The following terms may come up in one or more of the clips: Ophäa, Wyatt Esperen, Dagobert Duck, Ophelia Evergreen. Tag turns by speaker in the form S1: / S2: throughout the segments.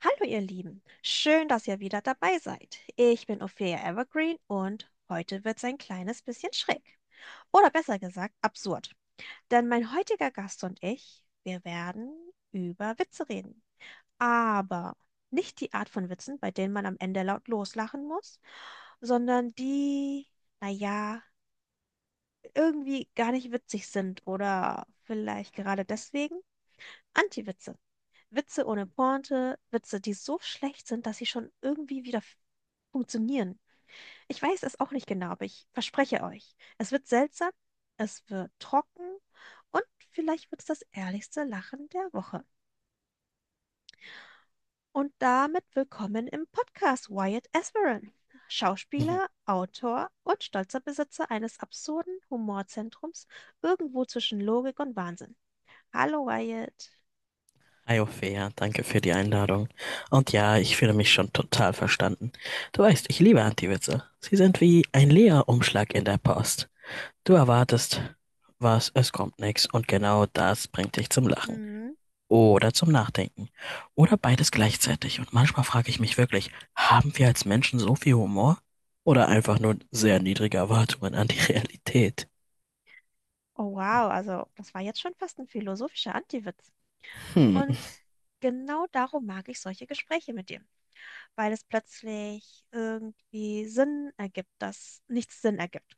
S1: Hallo ihr Lieben, schön, dass ihr wieder dabei seid. Ich bin Ophelia Evergreen und heute wird's ein kleines bisschen schräg. Oder besser gesagt, absurd. Denn mein heutiger Gast und ich, wir werden über Witze reden. Aber nicht die Art von Witzen, bei denen man am Ende laut loslachen muss, sondern die, naja, irgendwie gar nicht witzig sind oder vielleicht gerade deswegen Antiwitze. Witze ohne Pointe, Witze, die so schlecht sind, dass sie schon irgendwie wieder funktionieren. Ich weiß es auch nicht genau, aber ich verspreche euch, es wird seltsam, es wird trocken und vielleicht wird es das ehrlichste Lachen der Woche. Und damit willkommen im Podcast Wyatt Esperen,
S2: Mhm.
S1: Schauspieler, Autor und stolzer Besitzer eines absurden Humorzentrums irgendwo zwischen Logik und Wahnsinn. Hallo Wyatt.
S2: Hi Ophäa, danke für die Einladung. Und ja, ich fühle mich schon total verstanden. Du weißt, ich liebe Anti-Witze. Sie sind wie ein Leerumschlag in der Post. Du erwartest was, es kommt nichts und genau das bringt dich zum Lachen
S1: Hm.
S2: oder zum Nachdenken oder beides gleichzeitig. Und manchmal frage ich mich wirklich, haben wir als Menschen so viel Humor? Oder einfach nur sehr niedrige Erwartungen an die Realität?
S1: Oh wow, also das war jetzt schon fast ein philosophischer Antiwitz.
S2: Hm,
S1: Und genau darum mag ich solche Gespräche mit dir, weil es plötzlich irgendwie Sinn ergibt, dass nichts Sinn ergibt.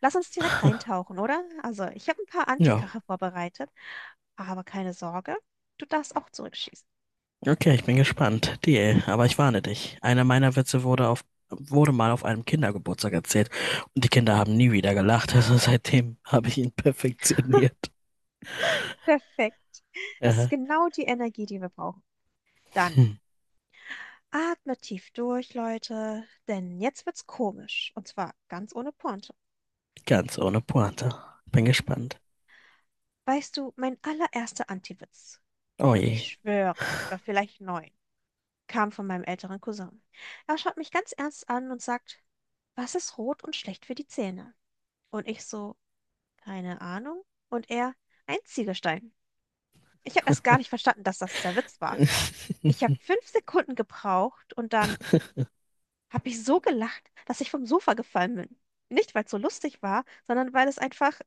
S1: Lass uns direkt reintauchen, oder? Also, ich habe ein paar
S2: ja.
S1: Antikacher vorbereitet, aber keine Sorge, du darfst auch zurückschießen.
S2: Okay, ich bin gespannt. Deal. Aber ich warne dich. Einer meiner Witze wurde mal auf einem Kindergeburtstag erzählt und die Kinder haben
S1: Mhm.
S2: nie wieder gelacht. Also seitdem habe ich ihn perfektioniert.
S1: Perfekt. Das ist
S2: Äh,
S1: genau die Energie, die wir brauchen. Dann
S2: hm,
S1: atmet tief durch, Leute, denn jetzt wird's komisch. Und zwar ganz ohne Pointe.
S2: ganz ohne Pointe. Bin
S1: Mhm.
S2: gespannt.
S1: Weißt du, mein allererster Antiwitz.
S2: Oh
S1: Und ich
S2: je.
S1: schwöre, ich war vielleicht neun, kam von meinem älteren Cousin. Er schaut mich ganz ernst an und sagt, was ist rot und schlecht für die Zähne? Und ich so, keine Ahnung. Und er, ein Ziegelstein. Ich habe erst gar nicht verstanden, dass das der Witz war. Ich habe 5 Sekunden gebraucht und dann habe ich so gelacht, dass ich vom Sofa gefallen bin. Nicht, weil es so lustig war, sondern weil es einfach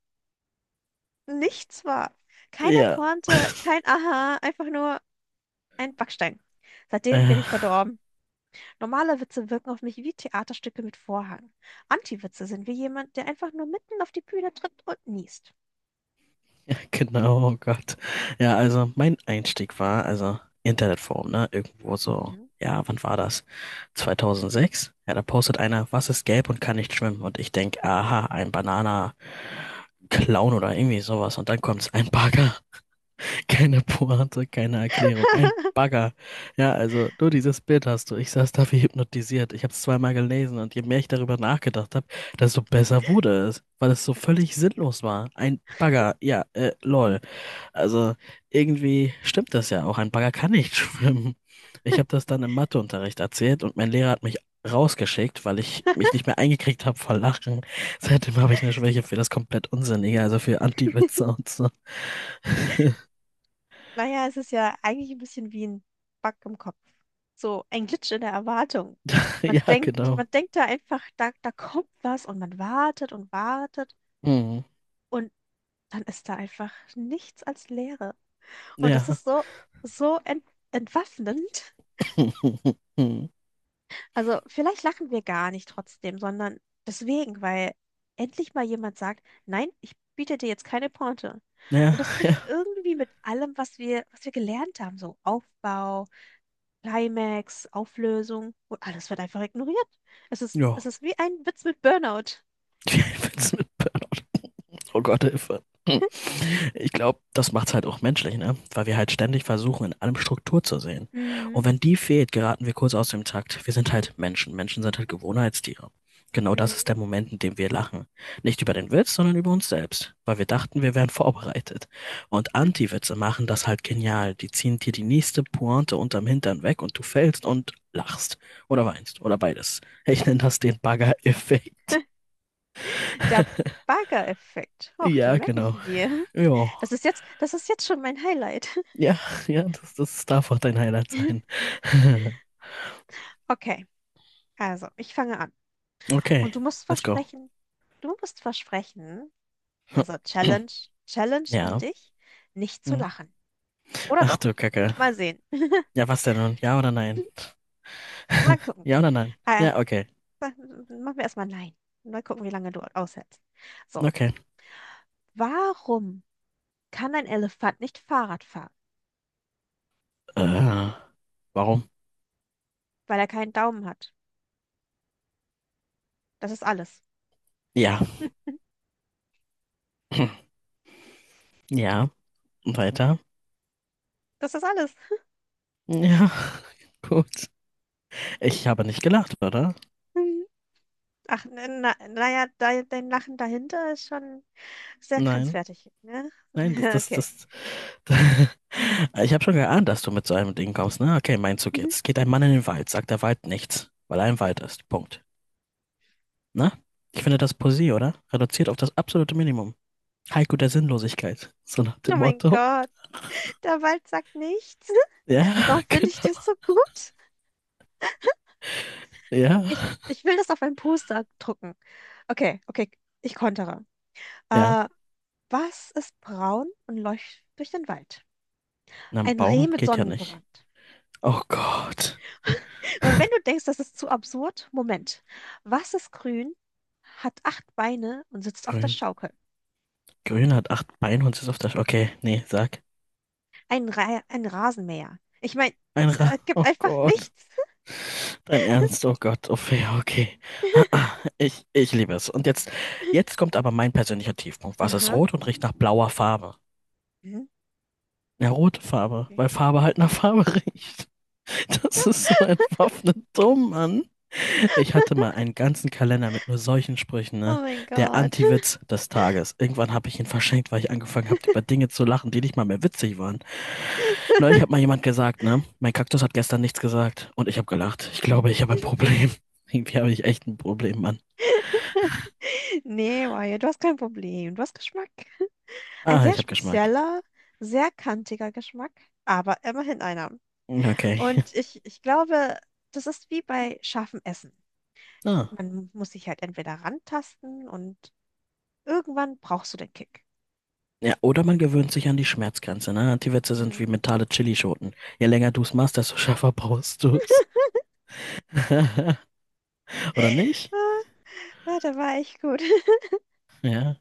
S1: nichts war. Keine
S2: Ja.
S1: Pointe, kein Aha, einfach nur ein Backstein. Seitdem
S2: Äh.
S1: bin ich verdorben. Normale Witze wirken auf mich wie Theaterstücke mit Vorhang. Anti-Witze sind wie jemand, der einfach nur mitten auf die Bühne tritt und niest.
S2: Genau, oh Gott. Ja, also mein Einstieg war, also Internetforum, ne? Irgendwo so,
S1: Mhm.
S2: ja, wann war das? 2006? Ja, da postet einer, was ist gelb und kann nicht schwimmen? Und ich denke, aha, ein Banana-Clown oder irgendwie sowas. Und dann kommt ein Bagger. Keine Pointe, keine Erklärung. Ein Bagger. Ja, also nur dieses Bild hast du. Ich saß da wie hypnotisiert. Ich habe es 2-mal gelesen und je mehr ich darüber nachgedacht habe, desto besser wurde es, weil es so völlig sinnlos war. Ein Bagger, ja, lol. Also irgendwie stimmt das ja auch. Ein Bagger kann nicht schwimmen. Ich habe das dann im Matheunterricht erzählt und mein Lehrer hat mich rausgeschickt, weil ich mich nicht mehr eingekriegt habe vor Lachen. Seitdem habe ich eine Schwäche für das komplett Unsinnige, also für Anti-Witze und so.
S1: Naja, es ist ja eigentlich ein bisschen wie ein Bug im Kopf. So ein Glitch in der Erwartung. Man
S2: Ja,
S1: denkt,
S2: genau.
S1: man denkt da einfach, da kommt was und man wartet und wartet
S2: Hm.
S1: und dann ist da einfach nichts als Leere. Und das
S2: Ja.
S1: ist so entwaffnend.
S2: Hm.
S1: Also vielleicht lachen wir gar nicht trotzdem, sondern deswegen, weil endlich mal jemand sagt, nein, ich biete dir jetzt keine Pointe. Und
S2: Ja,
S1: das bricht
S2: ja.
S1: irgendwie mit allem, was wir gelernt haben, so Aufbau, Climax, Auflösung und alles wird einfach ignoriert. Es ist,
S2: Ja.
S1: es ist wie ein Witz mit Burnout.
S2: Wie ein Witz mit P. Oh Gott, Hilfe. Hm. Ich glaube, das macht's halt auch menschlich, ne? Weil wir halt ständig versuchen, in allem Struktur zu sehen.
S1: Mhm.
S2: Und wenn die fehlt, geraten wir kurz aus dem Takt. Wir sind halt Menschen. Menschen sind halt Gewohnheitstiere. Genau das ist
S1: Mhm.
S2: der Moment, in dem wir lachen. Nicht über den Witz, sondern über uns selbst. Weil wir dachten, wir wären vorbereitet. Und Anti-Witze machen das halt genial. Die ziehen dir die nächste Pointe unterm Hintern weg und du fällst und lachst. Oder weinst. Oder beides. Ich nenne das den Bagger-Effekt.
S1: Der Bagger-Effekt. Och, den
S2: Ja,
S1: merke ich
S2: genau.
S1: mir.
S2: Ja.
S1: Das ist jetzt schon mein Highlight.
S2: Ja, ja, das darf auch dein Highlight sein.
S1: Okay, also ich fange an.
S2: Okay,
S1: Und du musst
S2: let's go.
S1: versprechen, du musst versprechen, also Challenge, Challenge an
S2: Ja.
S1: dich, nicht zu
S2: Hm.
S1: lachen. Oder
S2: Ach du
S1: doch?
S2: Kacke.
S1: Mal sehen.
S2: Ja, was denn nun? Ja oder nein?
S1: Mal gucken.
S2: Ja oder nein?
S1: Äh,
S2: Ja, okay.
S1: ma- machen wir erstmal nein. Mal gucken, wie lange du aushältst. So,
S2: Okay.
S1: warum kann ein Elefant nicht Fahrrad fahren?
S2: Äh, warum?
S1: Weil er keinen Daumen hat. Das ist alles.
S2: Ja.
S1: Hm,
S2: Ja. Weiter.
S1: das ist alles.
S2: Ja. Gut. Ich habe nicht gelacht, oder?
S1: Hm. Ach, naja, dein Lachen dahinter ist schon sehr
S2: Nein.
S1: grenzwertig, ne?
S2: Nein, das, das,
S1: Okay.
S2: das. Ich habe schon geahnt, dass du mit so einem Ding kommst, ne? Okay, mein Zug jetzt. Geht ein Mann in den Wald, sagt der Wald nichts, weil er im Wald ist. Punkt. Na? Ich finde das Poesie, oder? Reduziert auf das absolute Minimum. Haiku der Sinnlosigkeit. So nach
S1: Oh
S2: dem
S1: mein
S2: Motto.
S1: Gott, der Wald sagt nichts.
S2: Ja,
S1: Warum finde ich
S2: genau.
S1: das so gut?
S2: Ja.
S1: Ich will das auf ein Poster drucken. Okay, okay, ich kontere.
S2: Ja.
S1: Äh, was ist braun und läuft durch den Wald?
S2: Na, ein
S1: Ein Reh
S2: Baum
S1: mit
S2: geht ja nicht.
S1: Sonnenbrand.
S2: Oh Gott.
S1: Und wenn du denkst, das ist zu absurd, Moment. Was ist grün, hat acht Beine und sitzt auf der
S2: Grün.
S1: Schaukel?
S2: Grün hat 8 Beine und ist auf der. Sch okay, nee, sag.
S1: Ein Rasenmäher. Ich meine,
S2: Ein
S1: es
S2: Ra.
S1: gibt
S2: Oh
S1: einfach
S2: Gott.
S1: nichts.
S2: Dein Ernst, oh Gott. Oh Fee, okay. Ich liebe es. Und jetzt kommt aber mein persönlicher Tiefpunkt. Was ist
S1: Aha.
S2: rot und riecht nach blauer Farbe?
S1: Mhm.
S2: Ja, rote Farbe,
S1: Okay.
S2: weil Farbe halt nach Farbe riecht. Das ist so entwaffnet dumm, Mann. Ich hatte mal einen ganzen Kalender mit nur solchen Sprüchen, ne?
S1: Oh mein
S2: Der
S1: Gott.
S2: Anti-Witz des Tages. Irgendwann habe ich ihn verschenkt, weil ich angefangen habe, über Dinge zu lachen, die nicht mal mehr witzig waren. Neulich hat mal jemand gesagt, ne? Mein Kaktus hat gestern nichts gesagt. Und ich habe gelacht. Ich
S1: Hm.
S2: glaube, ich habe ein Problem. Irgendwie habe ich echt ein Problem, Mann.
S1: Nee, Wyatt, du hast kein Problem. Du hast Geschmack. Ein
S2: Ah,
S1: sehr
S2: ich habe Geschmack.
S1: spezieller, sehr kantiger Geschmack, aber immerhin einer.
S2: Okay.
S1: Und ich glaube, das ist wie bei scharfem Essen.
S2: Ah.
S1: Man muss sich halt entweder rantasten und irgendwann brauchst du den Kick.
S2: Ja, oder man gewöhnt sich an die Schmerzgrenze, ne? Anti-Witze sind
S1: Hm.
S2: wie mentale Chilischoten. Je länger du es machst, desto schärfer brauchst du es. Oder nicht?
S1: Ah, da war echt gut.
S2: Ja.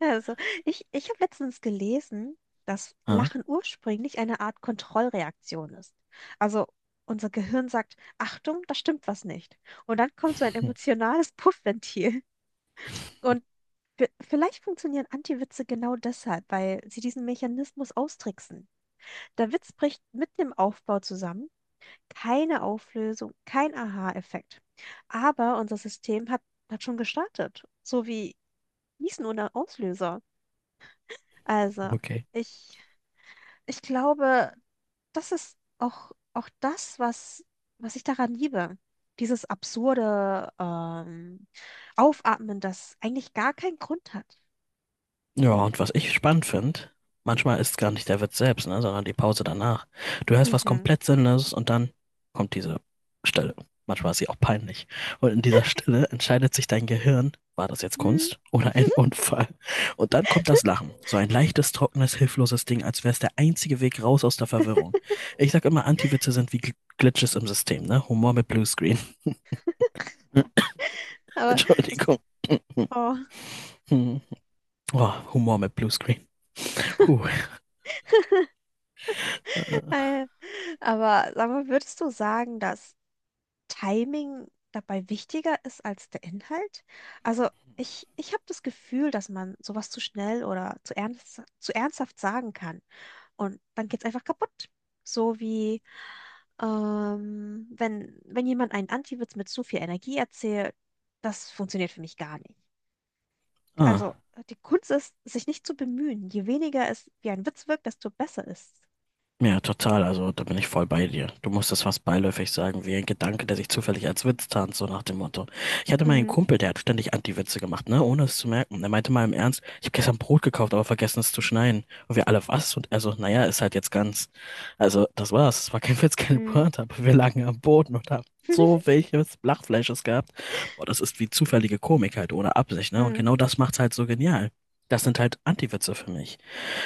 S1: Also, ich habe letztens gelesen, dass
S2: Ah.
S1: Lachen ursprünglich eine Art Kontrollreaktion ist. Also, unser Gehirn sagt, Achtung, da stimmt was nicht. Und dann kommt so ein
S2: Hm.
S1: emotionales Puffventil. Und vielleicht funktionieren Anti-Witze genau deshalb, weil sie diesen Mechanismus austricksen. Der Witz bricht mitten im Aufbau zusammen, keine Auflösung, kein Aha-Effekt. Aber unser System hat schon gestartet, so wie Gießen ohne Auslöser. Also,
S2: Okay.
S1: ich, ich glaube, das ist auch das, was ich daran liebe. Dieses absurde Aufatmen, das eigentlich gar keinen Grund hat.
S2: Ja, und was ich spannend finde, manchmal ist gar nicht der Witz selbst, ne, sondern die Pause danach. Du hörst was
S1: Mhm.
S2: komplett Sinnloses und dann kommt diese Stille. Manchmal ist sie auch peinlich. Und in dieser Stille entscheidet sich dein Gehirn, war das jetzt
S1: Hm,
S2: Kunst oder ein Unfall? Und dann kommt das Lachen. So ein leichtes, trockenes, hilfloses Ding, als wäre es der einzige Weg raus aus der Verwirrung. Ich sag immer, Anti-Witze sind wie Glitches im System, ne? Humor mit Bluescreen.
S1: aber das
S2: Entschuldigung. Hm.
S1: Oh.
S2: Hm. Oh, Humor mit Bluescreen. Puh. Äh,
S1: Aber sag mal, würdest du sagen, dass Timing dabei wichtiger ist als der Inhalt? Also ich habe das Gefühl, dass man sowas zu schnell oder zu ernsthaft sagen kann und dann geht's einfach kaputt. So wie wenn jemand einen Antiwitz mit zu viel Energie erzählt, das funktioniert für mich gar nicht.
S2: Ah.
S1: Also die Kunst ist, sich nicht zu bemühen. Je weniger es wie ein Witz wirkt, desto besser ist es.
S2: Ja, total. Also da bin ich voll bei dir. Du musst das fast beiläufig sagen, wie ein Gedanke, der sich zufällig als Witz tarnt, so nach dem Motto. Ich hatte mal einen
S1: Mhm.
S2: Kumpel, der hat ständig Anti-Witze gemacht, ne, ohne es zu merken. Er meinte mal im Ernst, ich habe gestern Brot gekauft, aber vergessen es zu schneiden. Und wir alle, was? Und also, naja, ist halt jetzt ganz. Also, das war's. Es war kein Witz, keine
S1: Mhm.
S2: Pointe, aber wir lagen am Boden und haben so welches Lachfleisches gehabt. Boah, das ist wie zufällige Komik halt, ohne Absicht, ne? Und
S1: Mhm.
S2: genau das macht's halt so genial. Das sind halt Anti-Witze für mich.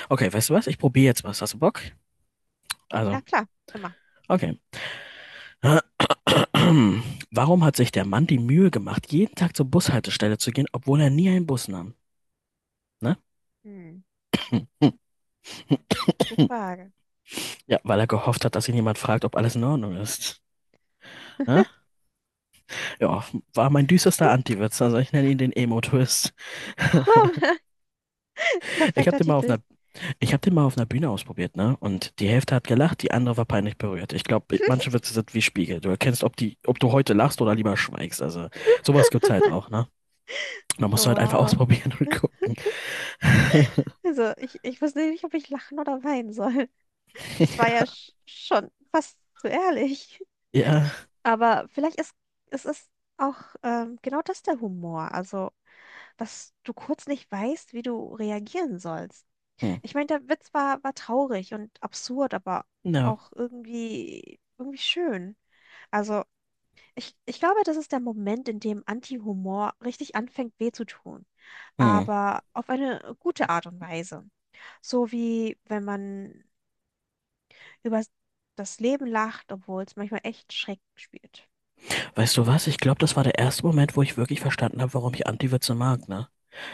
S2: Okay, weißt du was? Ich probiere jetzt was. Hast du Bock?
S1: Ja,
S2: Also,
S1: klar, immer.
S2: okay. Warum hat sich der Mann die Mühe gemacht, jeden Tag zur Bushaltestelle zu gehen, obwohl er nie einen Bus nahm? Ne?
S1: Hm, gute Frage.
S2: Ja, weil er gehofft hat, dass ihn jemand fragt, ob alles in Ordnung ist. Ne? Ja, war mein düsterster Anti-Witz. Also ich nenne ihn den Emo-Twist.
S1: Oh,
S2: Ich habe
S1: perfekter
S2: den mal auf
S1: Titel.
S2: einer, ich habe den mal auf einer Bühne ausprobiert, ne? Und die Hälfte hat gelacht, die andere war peinlich berührt. Ich glaube, manche Witze sind wie Spiegel. Du erkennst, ob du heute lachst oder lieber schweigst. Also sowas gibt's halt auch, ne? Da musst du halt einfach
S1: Wow.
S2: ausprobieren und gucken.
S1: Also, ich wusste nicht, ob ich lachen oder weinen soll. Das war ja schon fast zu ehrlich.
S2: Ja.
S1: Aber vielleicht ist es ist auch genau das der Humor. Also, dass du kurz nicht weißt, wie du reagieren sollst.
S2: Hm.
S1: Ich meine, der Witz war traurig und absurd, aber
S2: No.
S1: auch irgendwie schön. Also, ich glaube, das ist der Moment, in dem Anti-Humor richtig anfängt, weh zu tun,
S2: Hm.
S1: aber auf eine gute Art und Weise. So wie wenn man über das Leben lacht, obwohl es manchmal echt schräg spielt.
S2: Weißt du was? Ich glaube, das war der erste Moment, wo ich wirklich verstanden habe, warum ich Anti-Witze mag, ne?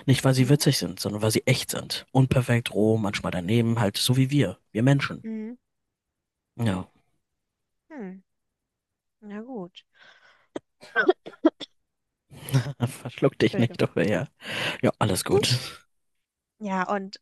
S2: Nicht, weil sie
S1: Hm?
S2: witzig sind, sondern weil sie echt sind. Unperfekt, roh, manchmal daneben, halt so wie wir. Wir Menschen.
S1: Hm.
S2: Ja.
S1: Hm. Na gut.
S2: Verschluck dich
S1: Entschuldigung.
S2: nicht, oder ja. Ja, alles gut.
S1: Ja, und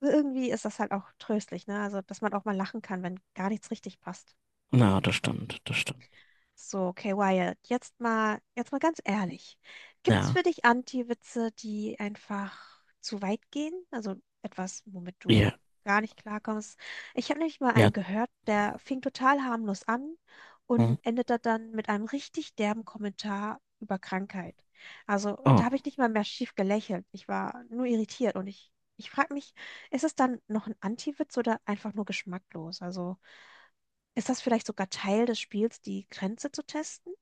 S1: irgendwie ist das halt auch tröstlich, ne? Also, dass man auch mal lachen kann, wenn gar nichts richtig passt.
S2: Na, das stimmt, das stimmt.
S1: So, okay, Wyatt, jetzt mal ganz ehrlich. Gibt's für
S2: Ja.
S1: dich Anti-Witze, die einfach zu weit gehen? Also etwas, womit du
S2: Ja.
S1: gar nicht klarkommst? Ich habe nämlich mal
S2: Ja.
S1: einen gehört, der fing total harmlos an
S2: Hm.
S1: und endete dann mit einem richtig derben Kommentar über Krankheit. Also da
S2: Oh.
S1: habe ich nicht mal mehr schief gelächelt. Ich war nur irritiert und ich frage mich, ist es dann noch ein Anti-Witz oder einfach nur geschmacklos? Also. Ist das vielleicht sogar Teil des Spiels, die Grenze zu testen?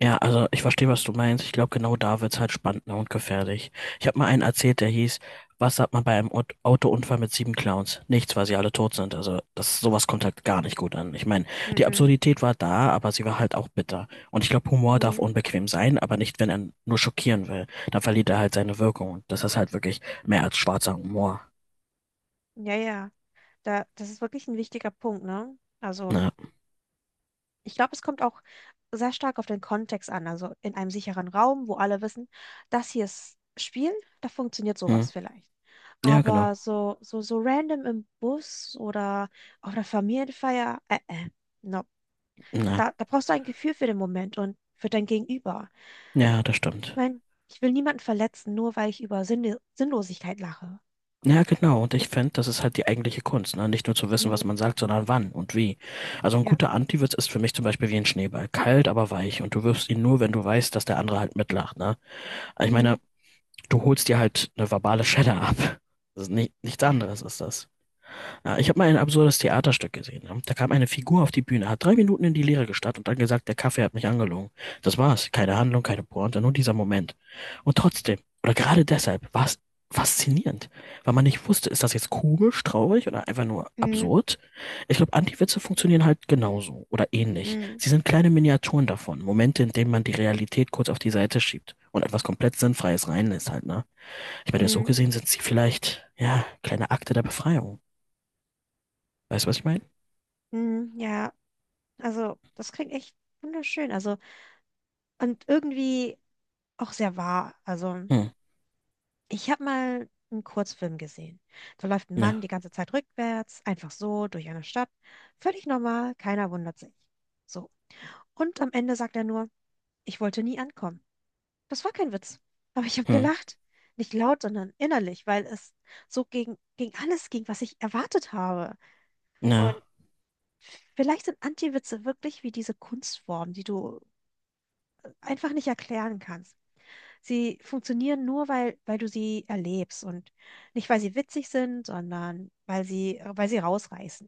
S2: Ja, also ich verstehe, was du meinst. Ich glaube, genau da wird's halt spannender und gefährlich. Ich habe mal einen erzählt, der hieß, was sagt man bei einem Autounfall mit 7 Clowns? Nichts, weil sie alle tot sind. Also sowas kommt halt gar nicht gut an. Ich meine, die
S1: Mhm.
S2: Absurdität war da, aber sie war halt auch bitter. Und ich glaube, Humor darf
S1: Mhm.
S2: unbequem sein, aber nicht, wenn er nur schockieren will. Dann verliert er halt seine Wirkung. Und das ist halt wirklich mehr als schwarzer Humor.
S1: Ja, ja. Das ist wirklich ein wichtiger Punkt, ne? Also,
S2: Na,
S1: ich glaube, es kommt auch sehr stark auf den Kontext an. Also in einem sicheren Raum, wo alle wissen, das hier ist Spiel, da funktioniert
S2: hm.
S1: sowas vielleicht.
S2: Ja, genau.
S1: Aber so random im Bus oder auf einer Familienfeier, no.
S2: Na,
S1: Da brauchst du ein Gefühl für den Moment und für dein Gegenüber.
S2: ja, das
S1: Ich
S2: stimmt.
S1: meine, ich will niemanden verletzen, nur weil ich über Sinnlosigkeit lache.
S2: Ja, genau. Und ich finde, das ist halt die eigentliche Kunst, ne? Nicht nur zu wissen, was
S1: Mhm.
S2: man sagt, sondern wann und wie. Also ein
S1: Ja.
S2: guter Antiwitz ist für mich zum Beispiel wie ein Schneeball. Kalt, aber weich. Und du wirfst ihn nur, wenn du weißt, dass der andere halt mitlacht, ne? Ich
S1: Mhm.
S2: meine, du holst dir halt eine verbale Schelle ab. Das ist nicht, nichts
S1: Ja.
S2: anderes ist das. Ja, ich habe mal ein absurdes Theaterstück gesehen, ne? Da kam eine Figur auf die Bühne, hat 3 Minuten in die Leere gestarrt und dann gesagt, der Kaffee hat mich angelogen. Das war's. Keine Handlung, keine Pointe, nur dieser Moment. Und trotzdem, oder gerade deshalb, war es faszinierend, weil man nicht wusste, ist das jetzt komisch, traurig oder einfach nur
S1: Mhm.
S2: absurd? Ich glaube, Anti-Witze funktionieren halt genauso oder ähnlich.
S1: Mhm.
S2: Sie sind kleine Miniaturen davon, Momente, in denen man die Realität kurz auf die Seite schiebt und etwas komplett Sinnfreies reinlässt halt, ne? Ich meine, so
S1: Mhm.
S2: gesehen sind sie vielleicht, ja, kleine Akte der Befreiung. Weißt du, was ich meine?
S1: Mhm. Ja. Also, das klingt echt wunderschön. Also, und irgendwie auch sehr wahr. Also,
S2: Hm,
S1: ich habe mal einen Kurzfilm gesehen. Da läuft ein
S2: ne,
S1: Mann die ganze Zeit rückwärts, einfach so durch eine Stadt. Völlig normal, keiner wundert sich. So. Und am Ende sagt er nur, ich wollte nie ankommen. Das war kein Witz. Aber ich habe
S2: hm,
S1: gelacht. Nicht laut, sondern innerlich, weil es so gegen alles ging, was ich erwartet habe.
S2: ne.
S1: Vielleicht sind Anti-Witze wirklich wie diese Kunstform, die du einfach nicht erklären kannst. Sie funktionieren nur, weil du sie erlebst und nicht, weil sie witzig sind, sondern weil sie rausreißen.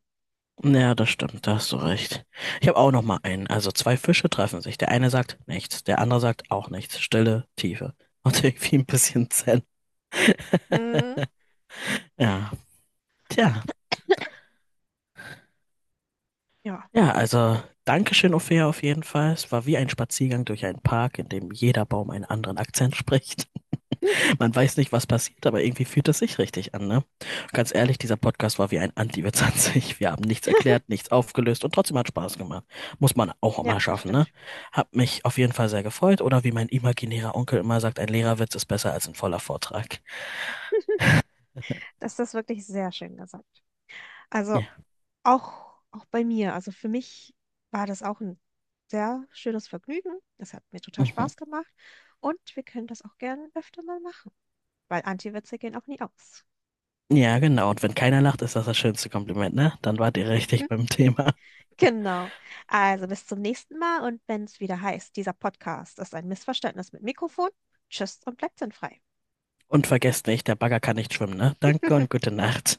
S2: Ja, das stimmt, da hast du recht. Ich habe auch noch mal einen. Also zwei Fische treffen sich. Der eine sagt nichts, der andere sagt auch nichts. Stille, Tiefe. Und irgendwie ein bisschen Zen.
S1: Mhm.
S2: Ja, tja.
S1: Ja.
S2: Ja, also Dankeschön, Ophäa, auf jeden Fall. Es war wie ein Spaziergang durch einen Park, in dem jeder Baum einen anderen Akzent spricht. Man weiß nicht, was passiert, aber irgendwie fühlt es sich richtig an, ne? Und ganz ehrlich, dieser Podcast war wie ein Anti-Witz an sich. Wir haben nichts erklärt, nichts aufgelöst und trotzdem hat Spaß gemacht. Muss man auch
S1: Ja,
S2: mal
S1: das
S2: schaffen, ne?
S1: stimmt.
S2: Hab mich auf jeden Fall sehr gefreut oder wie mein imaginärer Onkel immer sagt, ein Lehrerwitz ist besser als ein voller Vortrag.
S1: Das ist wirklich sehr schön gesagt. Also
S2: Ja,
S1: auch bei mir, also für mich war das auch ein sehr schönes Vergnügen. Das hat mir total
S2: mhm.
S1: Spaß gemacht und wir können das auch gerne öfter mal machen, weil Anti-Witze gehen auch nie aus.
S2: Ja, genau. Und wenn keiner lacht, ist das das schönste Kompliment, ne? Dann wart ihr richtig beim Thema.
S1: Genau. Also bis zum nächsten Mal und wenn es wieder heißt, dieser Podcast ist ein Missverständnis mit Mikrofon. Tschüss und bleibt sinnfrei.
S2: Und vergesst nicht, der Bagger kann nicht schwimmen, ne? Danke und gute Nacht.